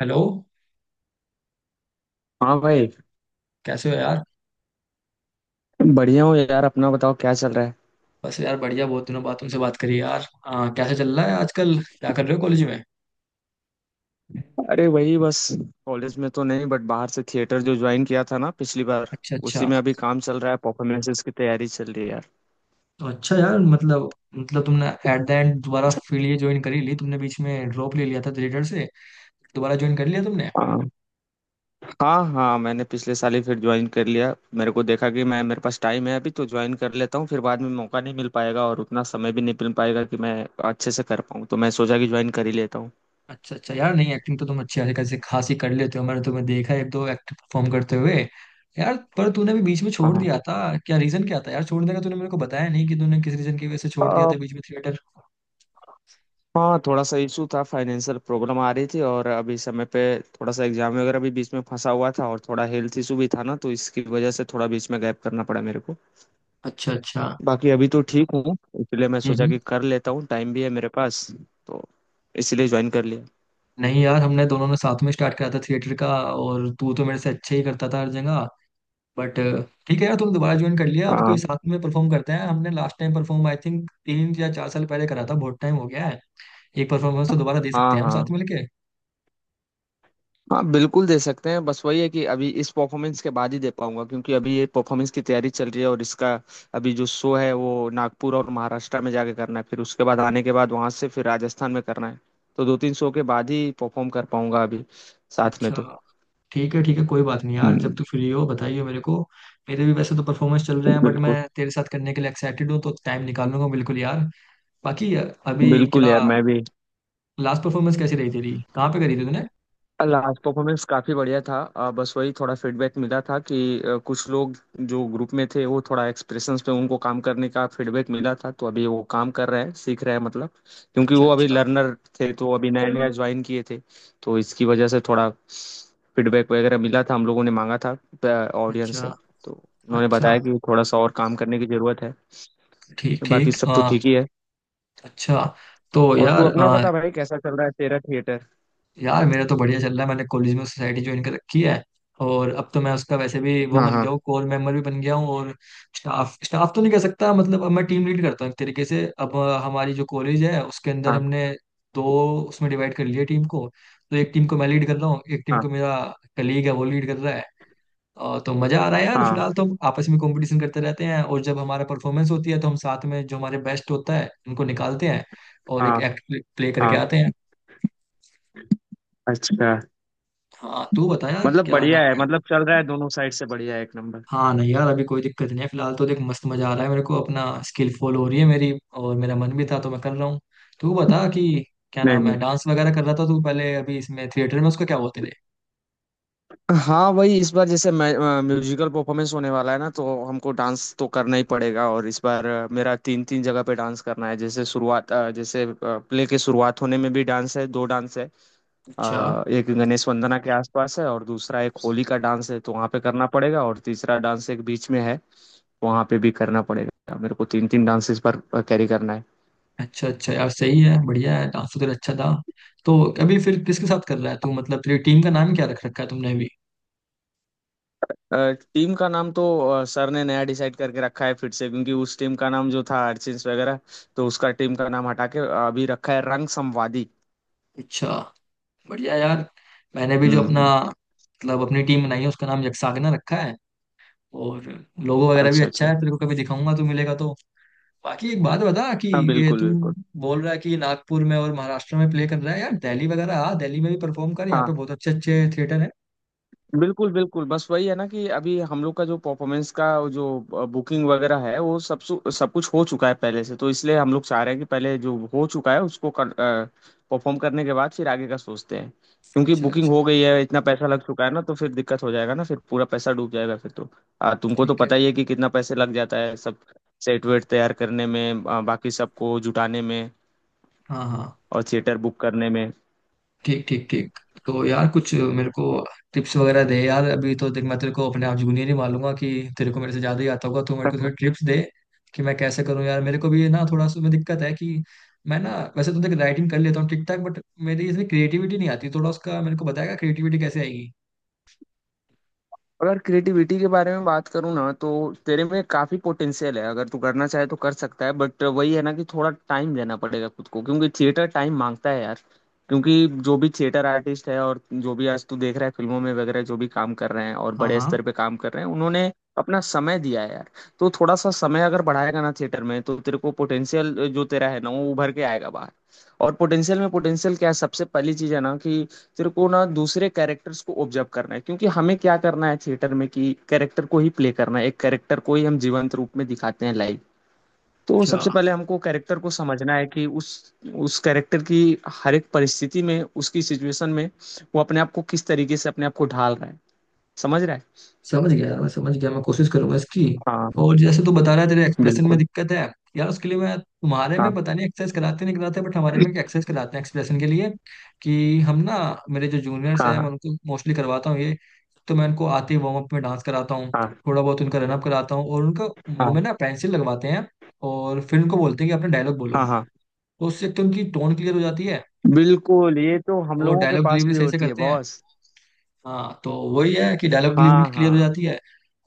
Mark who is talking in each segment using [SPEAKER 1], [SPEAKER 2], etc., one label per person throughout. [SPEAKER 1] Hello.
[SPEAKER 2] हाँ भाई।
[SPEAKER 1] कैसे हो यार।
[SPEAKER 2] बढ़िया हूँ यार, अपना बताओ क्या चल रहा है।
[SPEAKER 1] बस यार बढ़िया, बहुत दिनों बाद तुमसे बात करी यार। कैसे चल रहा है आजकल, क्या कर रहे हो कॉलेज में।
[SPEAKER 2] अरे वही बस, कॉलेज में तो नहीं बट बाहर से थिएटर जो ज्वाइन किया था ना पिछली बार,
[SPEAKER 1] अच्छा अच्छा।
[SPEAKER 2] उसी में अभी काम चल रहा है। परफॉर्मेंसेस की तैयारी चल रही है यार।
[SPEAKER 1] तो अच्छा यार, मतलब तुमने एट द एंड दोबारा फील्ड ये ज्वाइन करी ली तुमने, बीच में ड्रॉप ले लिया था थिएटर से, दोबारा ज्वाइन कर लिया तुमने।
[SPEAKER 2] हाँ हाँ, हाँ मैंने पिछले साल ही फिर ज्वाइन कर लिया। मेरे को देखा कि मैं, मेरे पास टाइम है अभी तो ज्वाइन कर लेता हूँ, फिर बाद में मौका नहीं मिल पाएगा और उतना समय भी नहीं मिल पाएगा कि मैं अच्छे से कर पाऊँ, तो मैं सोचा कि ज्वाइन कर ही लेता हूँ।
[SPEAKER 1] अच्छा अच्छा यार, नहीं एक्टिंग तो तुम अच्छी खासी खासी खासी कर लेते हो, मैंने तुम्हें देखा है एक दो एक्ट परफॉर्म करते हुए। यार पर तूने भी बीच में छोड़ दिया था, क्या रीजन क्या था यार छोड़ने का, तूने मेरे को बताया नहीं कि तूने किस रीजन की वजह से छोड़ दिया
[SPEAKER 2] हाँ
[SPEAKER 1] था बीच में थिएटर।
[SPEAKER 2] हाँ, थोड़ा सा इशू था। फाइनेंशियल प्रॉब्लम आ रही थी और अभी समय पे थोड़ा सा एग्जाम वगैरह भी बीच में फंसा हुआ था, और थोड़ा हेल्थ इशू भी था ना, तो इसकी वजह से थोड़ा बीच में गैप करना पड़ा मेरे को।
[SPEAKER 1] अच्छा अच्छा।
[SPEAKER 2] बाकी अभी तो ठीक हूँ। इसलिए मैं सोचा
[SPEAKER 1] हम्म।
[SPEAKER 2] कि कर लेता हूँ, टाइम भी है मेरे पास। तो इसलिए ज्वाइन कर लिया।
[SPEAKER 1] नहीं यार, हमने दोनों ने साथ में स्टार्ट करा था थिएटर का और तू तो मेरे से अच्छे ही करता था हर जगह। बट ठीक है यार, तुम दोबारा ज्वाइन कर लिया, अब कोई
[SPEAKER 2] हाँ
[SPEAKER 1] साथ में परफॉर्म करते हैं। हमने last time perform I think तीन या चार साल पहले करा था, बहुत टाइम हो गया है। एक परफॉर्मेंस तो दोबारा दे
[SPEAKER 2] हाँ।
[SPEAKER 1] सकते हैं हम साथ
[SPEAKER 2] हाँ
[SPEAKER 1] मिलके।
[SPEAKER 2] हाँ बिल्कुल दे सकते हैं, बस वही है कि अभी इस परफॉर्मेंस के बाद ही दे पाऊंगा क्योंकि अभी ये परफॉर्मेंस की तैयारी चल रही है। और इसका अभी जो शो है वो नागपुर और महाराष्ट्र में जाके करना है, फिर उसके बाद आने के बाद वहां से फिर राजस्थान में करना है। तो दो तीन शो के बाद ही परफॉर्म कर पाऊंगा अभी साथ में तो।
[SPEAKER 1] अच्छा ठीक है ठीक है, कोई बात नहीं यार, जब
[SPEAKER 2] हम्म।
[SPEAKER 1] तू फ्री हो बताइए मेरे को। मेरे भी वैसे तो परफॉर्मेंस चल रहे हैं बट मैं
[SPEAKER 2] बिल्कुल
[SPEAKER 1] तेरे साथ करने के लिए एक्साइटेड हूँ, तो टाइम निकाल लूंगा बिल्कुल यार। बाकी अभी
[SPEAKER 2] बिल्कुल
[SPEAKER 1] क्या,
[SPEAKER 2] यार मैं भी।
[SPEAKER 1] लास्ट परफॉर्मेंस कैसी रही तेरी, कहाँ पे करी थी तूने।
[SPEAKER 2] लास्ट परफॉर्मेंस काफ़ी बढ़िया था, बस वही थोड़ा फीडबैक मिला था कि कुछ लोग जो ग्रुप में थे वो थोड़ा एक्सप्रेशंस पे, उनको काम करने का फीडबैक मिला था। तो अभी वो काम कर रहे हैं, सीख रहे हैं, मतलब क्योंकि
[SPEAKER 1] अच्छा
[SPEAKER 2] वो अभी
[SPEAKER 1] अच्छा।
[SPEAKER 2] लर्नर थे, तो अभी नया नया ज्वाइन किए थे। तो इसकी वजह से थोड़ा फीडबैक वगैरह मिला था, हम लोगों ने मांगा था ऑडियंस
[SPEAKER 1] अच्छा
[SPEAKER 2] से। तो उन्होंने
[SPEAKER 1] अच्छा।
[SPEAKER 2] बताया कि थोड़ा सा और काम करने की ज़रूरत है।
[SPEAKER 1] ठीक
[SPEAKER 2] तो बाकी
[SPEAKER 1] ठीक
[SPEAKER 2] सब तो ठीक ही है।
[SPEAKER 1] अच्छा। तो
[SPEAKER 2] और तू
[SPEAKER 1] यार
[SPEAKER 2] अपना बता भाई, कैसा चल रहा है तेरा थिएटर।
[SPEAKER 1] यार मेरा तो बढ़िया चल रहा है, मैंने कॉलेज में सोसाइटी ज्वाइन कर रखी है और अब तो मैं उसका वैसे भी वो
[SPEAKER 2] हाँ
[SPEAKER 1] बन गया
[SPEAKER 2] हाँ
[SPEAKER 1] हूँ, कोर मेंबर भी बन गया हूँ। और स्टाफ स्टाफ तो नहीं कह सकता, मतलब अब मैं टीम लीड करता हूँ एक तरीके से अब। हमारी जो कॉलेज है उसके अंदर
[SPEAKER 2] हाँ
[SPEAKER 1] हमने दो, उसमें डिवाइड कर लिया टीम को। तो एक टीम को मैं लीड कर रहा हूँ, एक टीम
[SPEAKER 2] हाँ
[SPEAKER 1] को मेरा कलीग है वो लीड कर रहा है। तो मजा आ रहा है यार।
[SPEAKER 2] हाँ
[SPEAKER 1] फिलहाल तो हम आपस में कंपटीशन करते रहते हैं और जब हमारा परफॉर्मेंस होती है तो हम साथ में जो हमारे बेस्ट होता है उनको निकालते हैं और एक
[SPEAKER 2] हाँ
[SPEAKER 1] एक्ट प्ले करके
[SPEAKER 2] हाँ।
[SPEAKER 1] आते हैं।
[SPEAKER 2] अच्छा,
[SPEAKER 1] हाँ तू बता यार,
[SPEAKER 2] मतलब
[SPEAKER 1] क्या
[SPEAKER 2] बढ़िया
[SPEAKER 1] नाम
[SPEAKER 2] है,
[SPEAKER 1] है।
[SPEAKER 2] मतलब चल रहा है दोनों साइड से बढ़िया है एक नंबर।
[SPEAKER 1] हाँ नहीं यार, अभी कोई दिक्कत नहीं है, फिलहाल तो देख मस्त मजा आ रहा है मेरे को, अपना स्किल फॉल हो रही है मेरी और मेरा मन भी था तो मैं कर रहा हूँ। तू बता कि क्या
[SPEAKER 2] नहीं
[SPEAKER 1] नाम है,
[SPEAKER 2] नहीं।
[SPEAKER 1] डांस वगैरह कर रहा था तू पहले, अभी इसमें थिएटर में उसको क्या बोलते थे।
[SPEAKER 2] हाँ वही, इस बार जैसे म्यूजिकल परफॉर्मेंस होने वाला है ना, तो हमको डांस तो करना ही पड़ेगा। और इस बार मेरा तीन तीन जगह पे डांस करना है। जैसे शुरुआत, जैसे प्ले के शुरुआत होने में भी डांस है, दो डांस है।
[SPEAKER 1] अच्छा
[SPEAKER 2] एक गणेश वंदना के आसपास है और दूसरा एक होली का डांस है, तो वहाँ पे करना पड़ेगा। और तीसरा डांस एक बीच में है, वहाँ पे भी करना पड़ेगा मेरे को। तीन तीन डांस इस बार कैरी करना है।
[SPEAKER 1] अच्छा। अच्छा यार सही है, बढ़िया है, डांस तो तेरा अच्छा था। तो अभी फिर किसके साथ कर रहा है तू, मतलब तेरी टीम का नाम क्या रख रखा है तुमने अभी।
[SPEAKER 2] टीम का नाम तो सर ने नया डिसाइड करके रखा है फिर से, क्योंकि उस टीम का नाम जो था अर्चिन्स वगैरह, तो उसका टीम का नाम हटा के अभी रखा है रंग संवादी।
[SPEAKER 1] अच्छा। बढ़िया यार, मैंने भी जो
[SPEAKER 2] हम्म
[SPEAKER 1] अपना
[SPEAKER 2] हम्म,
[SPEAKER 1] मतलब अपनी टीम बनाई है उसका नाम यक्षागना रखा है और लोगो वगैरह भी
[SPEAKER 2] अच्छा
[SPEAKER 1] अच्छा
[SPEAKER 2] अच्छा।
[SPEAKER 1] है, तेरे को कभी दिखाऊंगा तू मिलेगा तो। बाकी एक बात बता कि
[SPEAKER 2] हाँ
[SPEAKER 1] ये
[SPEAKER 2] बिल्कुल
[SPEAKER 1] तू
[SPEAKER 2] बिल्कुल।
[SPEAKER 1] बोल रहा है कि नागपुर में और महाराष्ट्र में प्ले कर रहा है, यार दिल्ली वगैरह आ दिल्ली में भी परफॉर्म कर, यहाँ
[SPEAKER 2] हाँ,
[SPEAKER 1] पे बहुत अच्छे अच्छे थिएटर है।
[SPEAKER 2] बिल्कुल बिल्कुल बस वही है ना कि अभी हम लोग का जो परफॉर्मेंस का जो बुकिंग वगैरह है वो सब सु- सब कुछ हो चुका है पहले से तो इसलिए हम लोग चाह रहे हैं कि पहले जो हो चुका है उसको परफॉर्म करने के बाद फिर आगे का सोचते हैं क्योंकि
[SPEAKER 1] अच्छा
[SPEAKER 2] बुकिंग
[SPEAKER 1] अच्छा।
[SPEAKER 2] हो गई है इतना पैसा लग चुका है ना तो फिर दिक्कत हो जाएगा ना फिर पूरा पैसा डूब जाएगा फिर तो आ, तुमको तो
[SPEAKER 1] ठीक है।
[SPEAKER 2] पता ही है कि कितना पैसे लग जाता है सब सेट वेट तैयार करने में आ, बाकी सबको जुटाने में
[SPEAKER 1] हाँ हाँ।
[SPEAKER 2] और थिएटर बुक करने में
[SPEAKER 1] ठीक ठीक ठीक। तो यार कुछ मेरे को टिप्स वगैरह दे यार, अभी तो देख मैं तेरे को अपने आप जूनियर ही मान लूंगा कि तेरे को मेरे से ज़्यादा ही आता होगा, तो मेरे को थोड़ी टिप्स दे कि मैं कैसे करूँ यार। मेरे को भी ना थोड़ा सा में दिक्कत है कि मैं ना वैसे तो देख राइटिंग कर लेता हूँ ठीक ठाक बट मेरी इसमें क्रिएटिविटी नहीं आती थोड़ा, उसका मेरे को बताएगा क्रिएटिविटी कैसे आएगी।
[SPEAKER 2] अगर क्रिएटिविटी के बारे में बात करूँ ना तो तेरे में काफी पोटेंशियल है अगर तू करना चाहे तो कर सकता है बट वही है ना कि थोड़ा टाइम देना पड़ेगा खुद को क्योंकि थिएटर टाइम मांगता है यार क्योंकि जो भी थिएटर आर्टिस्ट है और जो भी आज तू देख रहा है फिल्मों में वगैरह जो भी काम कर रहे हैं और
[SPEAKER 1] हाँ
[SPEAKER 2] बड़े
[SPEAKER 1] हाँ।
[SPEAKER 2] स्तर पे काम कर रहे हैं उन्होंने अपना समय दिया है यार तो थोड़ा सा समय अगर बढ़ाएगा ना थिएटर में तो तेरे को पोटेंशियल जो तेरा है ना वो उभर के आएगा बाहर और पोटेंशियल में पोटेंशियल क्या है सबसे पहली चीज है ना कि तेरे को ना दूसरे कैरेक्टर्स को ऑब्जर्व करना है क्योंकि हमें क्या करना है थिएटर में कि कैरेक्टर को ही प्ले करना है एक कैरेक्टर को ही हम जीवंत रूप में दिखाते हैं लाइव तो
[SPEAKER 1] अच्छा
[SPEAKER 2] सबसे पहले हमको कैरेक्टर को समझना है कि उस कैरेक्टर की हर एक परिस्थिति में उसकी सिचुएशन में वो अपने आप को किस तरीके से अपने आप को ढाल रहा है समझ रहा है
[SPEAKER 1] समझ गया यार, मैं समझ गया, मैं कोशिश करूंगा इसकी।
[SPEAKER 2] हाँ
[SPEAKER 1] और जैसे तू बता रहा है तेरे एक्सप्रेशन में
[SPEAKER 2] बिल्कुल
[SPEAKER 1] दिक्कत है, यार उसके लिए मैं तुम्हारे में
[SPEAKER 2] हाँ
[SPEAKER 1] पता नहीं एक्सरसाइज कराते नहीं कराते बट हमारे में एक्सरसाइज कराते हैं एक्सप्रेशन के लिए, कि हम ना, मेरे जो जूनियर्स
[SPEAKER 2] हाँ
[SPEAKER 1] हैं मैं
[SPEAKER 2] हाँ
[SPEAKER 1] उनको मोस्टली करवाता हूँ ये। तो मैं उनको आते ही वार्म अप में डांस कराता हूँ,
[SPEAKER 2] हाँ
[SPEAKER 1] थोड़ा बहुत उनका रनअप कराता हूँ और उनका मुंह में
[SPEAKER 2] हाँ
[SPEAKER 1] ना पेंसिल लगवाते हैं और फिर उनको बोलते हैं कि अपना डायलॉग बोलो।
[SPEAKER 2] हाँ हाँ
[SPEAKER 1] तो उससे एक तो उनकी टोन क्लियर हो जाती है,
[SPEAKER 2] बिल्कुल ये तो हम
[SPEAKER 1] वो
[SPEAKER 2] लोगों के
[SPEAKER 1] डायलॉग
[SPEAKER 2] पास
[SPEAKER 1] डिलीवरी
[SPEAKER 2] भी
[SPEAKER 1] सही से
[SPEAKER 2] होती है
[SPEAKER 1] करते हैं।
[SPEAKER 2] बॉस
[SPEAKER 1] हाँ तो वही है कि डायलॉग डिलीवरी
[SPEAKER 2] हाँ
[SPEAKER 1] क्लियर हो
[SPEAKER 2] हाँ
[SPEAKER 1] जाती है।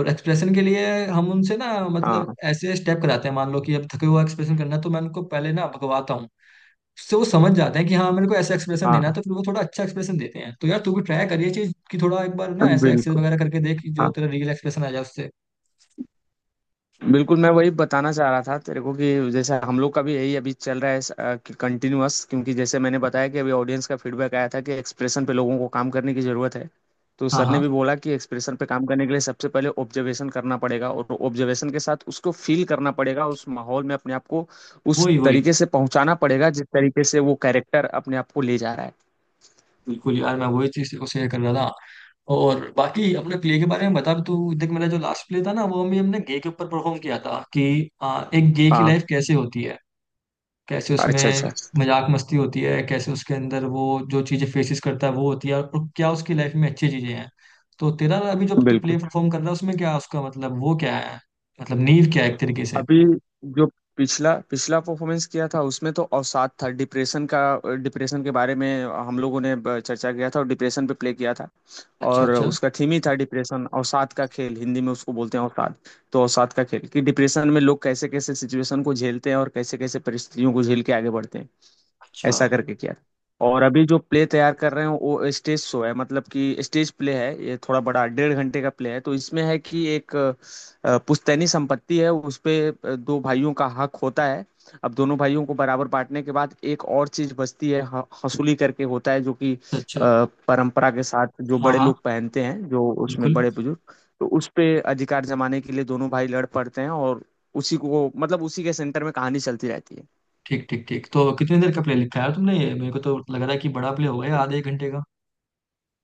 [SPEAKER 1] और एक्सप्रेशन के लिए हम उनसे ना मतलब
[SPEAKER 2] हाँ
[SPEAKER 1] ऐसे स्टेप कराते हैं, मान लो कि अब थके हुआ एक्सप्रेशन करना है तो मैं उनको पहले ना भगवाता हूँ, उससे वो समझ जाते हैं कि हाँ मेरे को ऐसा एक्सप्रेशन देना है,
[SPEAKER 2] हाँ,
[SPEAKER 1] तो फिर वो थोड़ा अच्छा एक्सप्रेशन देते हैं। तो यार तू भी ट्राई करिए चीज कि थोड़ा एक बार ना ऐसे एक्सरसाइज
[SPEAKER 2] बिल्कुल
[SPEAKER 1] वगैरह करके देख कि जो तेरा रियल एक्सप्रेशन आ जाए उससे।
[SPEAKER 2] बिल्कुल, मैं वही बताना चाह रहा था तेरे को कि जैसे हम लोग का भी यही अभी चल रहा है कंटिन्यूअस, क्योंकि जैसे मैंने बताया कि अभी ऑडियंस का फीडबैक आया था कि एक्सप्रेशन पे लोगों को काम करने की ज़रूरत है। तो
[SPEAKER 1] हाँ
[SPEAKER 2] सर ने
[SPEAKER 1] हाँ।
[SPEAKER 2] भी बोला कि एक्सप्रेशन पे काम करने के लिए सबसे पहले ऑब्जर्वेशन करना पड़ेगा, और ऑब्जर्वेशन के साथ उसको फील करना पड़ेगा, उस माहौल में अपने आप को उस
[SPEAKER 1] वही वही,
[SPEAKER 2] तरीके से पहुंचाना पड़ेगा जिस तरीके से वो कैरेक्टर अपने आप को ले जा रहा है।
[SPEAKER 1] बिल्कुल यार मैं वही चीज को शेयर कर रहा था। और बाकी अपने प्ले के बारे में बता भी, तू देख मेरा जो लास्ट प्ले था ना वो भी हमने गे के ऊपर परफॉर्म किया था कि एक गे की
[SPEAKER 2] हाँ,
[SPEAKER 1] लाइफ कैसे होती है, कैसे
[SPEAKER 2] अच्छा
[SPEAKER 1] उसमें
[SPEAKER 2] अच्छा,
[SPEAKER 1] मजाक मस्ती होती है, कैसे उसके अंदर वो जो चीज़ें फेसिस करता है वो होती है और क्या उसकी लाइफ में अच्छी चीज़ें हैं। तो तेरा अभी जब तू
[SPEAKER 2] बिल्कुल।
[SPEAKER 1] प्ले परफॉर्म कर रहा है उसमें क्या उसका मतलब वो क्या है, मतलब नींव क्या है एक तरीके से।
[SPEAKER 2] अभी जो पिछला पिछला परफॉर्मेंस किया था उसमें तो अवसाद था, डिप्रेशन का। डिप्रेशन के बारे में हम लोगों ने चर्चा किया था और डिप्रेशन पे प्ले किया था।
[SPEAKER 1] अच्छा
[SPEAKER 2] और
[SPEAKER 1] अच्छा।
[SPEAKER 2] उसका थीम ही था डिप्रेशन, अवसाद का खेल, हिंदी में उसको बोलते हैं अवसाद। तो अवसाद का खेल कि डिप्रेशन में लोग कैसे कैसे सिचुएशन को झेलते हैं और कैसे कैसे परिस्थितियों को झेल के आगे बढ़ते हैं,
[SPEAKER 1] अच्छा
[SPEAKER 2] ऐसा करके किया था। और अभी जो प्ले तैयार कर रहे हैं वो स्टेज शो है, मतलब कि स्टेज प्ले है। ये थोड़ा बड़ा डेढ़ घंटे का प्ले है। तो इसमें है कि एक पुश्तैनी संपत्ति है, उस पे दो भाइयों का हक होता है। अब दोनों भाइयों को बराबर बांटने के बाद एक और चीज बचती है, हसूली करके होता है, जो कि
[SPEAKER 1] अच्छा अच्छा।
[SPEAKER 2] परंपरा के साथ जो
[SPEAKER 1] हाँ
[SPEAKER 2] बड़े
[SPEAKER 1] हाँ
[SPEAKER 2] लोग पहनते हैं, जो उसमें
[SPEAKER 1] बिल्कुल।
[SPEAKER 2] बड़े बुजुर्ग। तो उस पे अधिकार जमाने के लिए दोनों भाई लड़ पड़ते हैं, और उसी को मतलब उसी के सेंटर में कहानी चलती रहती है।
[SPEAKER 1] ठीक ठीक ठीक। तो कितनी देर का प्ले लिखा है यार तुमने, ये मेरे को तो लग रहा है कि बड़ा प्ले होगा, ये आधे एक घंटे का।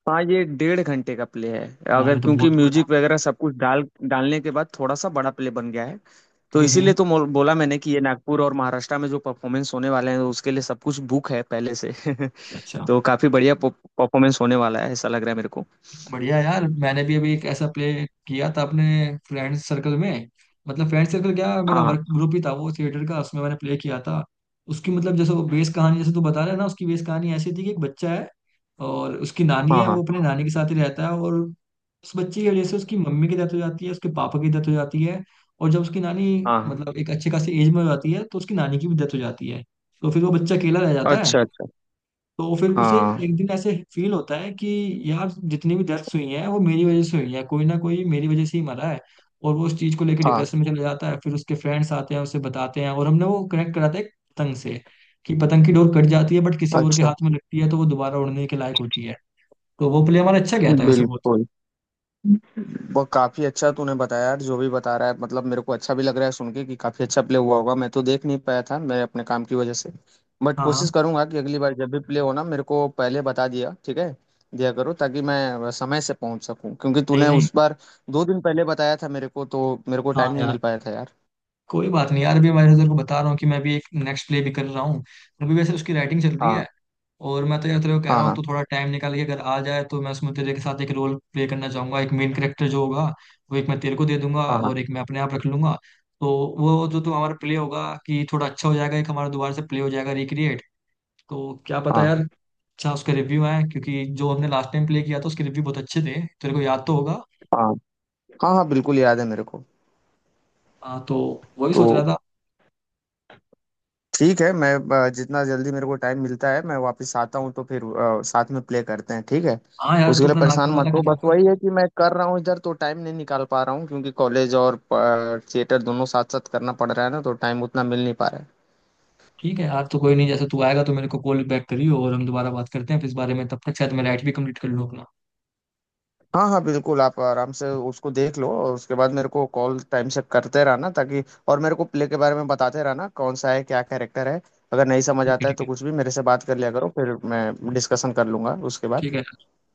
[SPEAKER 2] हाँ ये डेढ़ घंटे का प्ले है।
[SPEAKER 1] यार
[SPEAKER 2] अगर
[SPEAKER 1] ये तो
[SPEAKER 2] क्योंकि
[SPEAKER 1] बहुत बड़ा।
[SPEAKER 2] म्यूजिक वगैरह सब कुछ डालने के बाद थोड़ा सा बड़ा प्ले बन गया है। तो
[SPEAKER 1] हम्म।
[SPEAKER 2] इसीलिए तो बोला मैंने कि ये नागपुर और महाराष्ट्र में जो परफॉर्मेंस होने वाले हैं उसके लिए सब कुछ बुक है पहले से।
[SPEAKER 1] अच्छा अच्छा।
[SPEAKER 2] तो काफी बढ़िया परफॉर्मेंस होने वाला है ऐसा लग रहा है मेरे को।
[SPEAKER 1] बढ़िया यार, मैंने भी अभी एक ऐसा प्ले किया था अपने फ्रेंड सर्कल में, मतलब फ्रेंड सर्कल क्या मेरा
[SPEAKER 2] हाँ हाँ
[SPEAKER 1] वर्क ग्रुप ही था वो थिएटर का, उसमें मैंने प्ले किया था। उसकी मतलब जैसे वो बेस कहानी, जैसे तू बता रहा है ना, उसकी बेस कहानी ऐसी थी कि एक बच्चा है और उसकी नानी
[SPEAKER 2] हाँ
[SPEAKER 1] है,
[SPEAKER 2] हाँ
[SPEAKER 1] वो अपने नानी के साथ ही रहता है और उस बच्चे की वजह से उसकी मम्मी की डेथ हो जाती है, उसके पापा की डेथ हो जाती है और जब उसकी नानी
[SPEAKER 2] हाँ हाँ।
[SPEAKER 1] मतलब एक अच्छे खासी एज में हो जाती है तो उसकी नानी की भी डेथ हो जाती है। तो फिर वो बच्चा अकेला रह जाता है।
[SPEAKER 2] अच्छा अच्छा।
[SPEAKER 1] तो फिर उसे
[SPEAKER 2] हाँ
[SPEAKER 1] एक दिन ऐसे फील होता है कि यार जितनी भी डेथ्स हुई हैं वो मेरी वजह से हुई हैं, कोई ना कोई मेरी वजह से ही मरा है। और वो उस चीज को लेकर
[SPEAKER 2] हाँ
[SPEAKER 1] डिप्रेशन में चला जाता है, फिर उसके फ्रेंड्स आते हैं उसे बताते हैं और हमने वो कनेक्ट कराते हैं पतंग से कि पतंग की डोर कट जाती है बट किसी और के
[SPEAKER 2] अच्छा
[SPEAKER 1] हाथ में लगती है तो वो दोबारा उड़ने के लायक होती है। तो वो प्ले हमारा अच्छा गया था वैसे वो।
[SPEAKER 2] बिल्कुल। वो काफी अच्छा तूने बताया यार, जो भी बता रहा है मतलब मेरे को अच्छा भी लग रहा है सुन के कि काफी अच्छा प्ले हुआ होगा। मैं तो देख नहीं पाया था मैं, अपने काम की वजह से। बट
[SPEAKER 1] हाँ
[SPEAKER 2] कोशिश
[SPEAKER 1] हाँ।
[SPEAKER 2] करूंगा कि अगली बार जब भी प्ले हो ना मेरे को पहले बता दिया ठीक है, दिया करो ताकि मैं समय से पहुंच सकूं। क्योंकि
[SPEAKER 1] नहीं
[SPEAKER 2] तूने
[SPEAKER 1] नहीं।
[SPEAKER 2] उस बार 2 दिन पहले बताया था मेरे को तो मेरे को टाइम
[SPEAKER 1] हाँ
[SPEAKER 2] नहीं
[SPEAKER 1] यार
[SPEAKER 2] मिल पाया था यार।
[SPEAKER 1] कोई बात नहीं यार, अभी मैं इधर को बता रहा हूँ कि मैं भी एक नेक्स्ट प्ले भी कर रहा हूँ, अभी वैसे उसकी राइटिंग चल रही है।
[SPEAKER 2] हाँ
[SPEAKER 1] और मैं तो यार तेरे को कह
[SPEAKER 2] हाँ
[SPEAKER 1] रहा हूँ
[SPEAKER 2] हाँ
[SPEAKER 1] तू थोड़ा टाइम निकाल के अगर आ जाए तो मैं उसमें तेरे के साथ एक रोल प्ले करना चाहूंगा, एक मेन कैरेक्टर जो होगा वो एक मैं तेरे को दे दूंगा
[SPEAKER 2] हाँ हाँ
[SPEAKER 1] और एक मैं अपने आप रख लूंगा। तो वो जो तो हमारा प्ले होगा कि थोड़ा अच्छा हो जाएगा, एक हमारा दोबारा से प्ले हो जाएगा रिक्रिएट। तो क्या पता
[SPEAKER 2] हाँ
[SPEAKER 1] यार अच्छा उसके रिव्यू आए, क्योंकि जो हमने लास्ट टाइम प्ले किया था उसके रिव्यू बहुत अच्छे थे, तेरे को याद तो होगा।
[SPEAKER 2] हाँ हाँ हाँ बिल्कुल याद है मेरे को।
[SPEAKER 1] हाँ तो वही
[SPEAKER 2] तो
[SPEAKER 1] सोच रहा था।
[SPEAKER 2] ठीक है, मैं जितना जल्दी मेरे को टाइम मिलता है मैं वापस आता हूँ तो फिर साथ में प्ले करते हैं ठीक है।
[SPEAKER 1] हाँ यार,
[SPEAKER 2] उसके
[SPEAKER 1] तू
[SPEAKER 2] लिए
[SPEAKER 1] अपना
[SPEAKER 2] परेशान
[SPEAKER 1] नाटक
[SPEAKER 2] मत
[SPEAKER 1] वाला
[SPEAKER 2] हो,
[SPEAKER 1] खत्म
[SPEAKER 2] बस
[SPEAKER 1] कर।
[SPEAKER 2] वही है कि मैं कर रहा हूँ इधर तो टाइम नहीं निकाल पा रहा हूँ क्योंकि कॉलेज और थिएटर दोनों साथ साथ करना पड़ रहा है ना तो टाइम उतना मिल नहीं पा रहा है।
[SPEAKER 1] ठीक है यार, तो कोई नहीं, जैसे तू आएगा तो मेरे को कॉल बैक करियो और हम दोबारा बात करते हैं फिर इस बारे में, तब तक शायद मैं राइट भी कंप्लीट कर लूँ अपना।
[SPEAKER 2] हाँ हाँ बिल्कुल, आप आराम से उसको देख लो और उसके बाद मेरे को कॉल टाइम से करते रहना ताकि, और मेरे को प्ले के बारे में बताते रहना कौन सा है क्या कैरेक्टर है। अगर नहीं समझ
[SPEAKER 1] ठीक है
[SPEAKER 2] आता है
[SPEAKER 1] ठीक
[SPEAKER 2] तो
[SPEAKER 1] है।
[SPEAKER 2] कुछ भी मेरे से बात कर लिया करो, फिर मैं डिस्कशन कर लूंगा उसके बाद।
[SPEAKER 1] ठीक है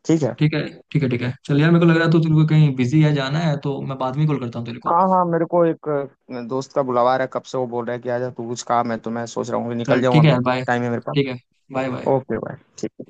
[SPEAKER 2] ठीक है।
[SPEAKER 1] ठीक है। ठीक है ठीक है। चल यार मेरे को लग रहा है तो तेरे को कहीं बिजी है जाना है, तो मैं बाद में कॉल करता हूँ तेरे को।
[SPEAKER 2] हाँ हाँ मेरे को एक दोस्त का बुलावा आ रहा है, कब से वो बोल रहा है कि आजा तू कुछ काम है, तो मैं सोच रहा हूँ कि निकल
[SPEAKER 1] चल
[SPEAKER 2] जाऊँ
[SPEAKER 1] ठीक है
[SPEAKER 2] अभी,
[SPEAKER 1] यार, बाय
[SPEAKER 2] टाइम है मेरे पास।
[SPEAKER 1] ठीक है। Bye bye.
[SPEAKER 2] ओके बाय ठीक है।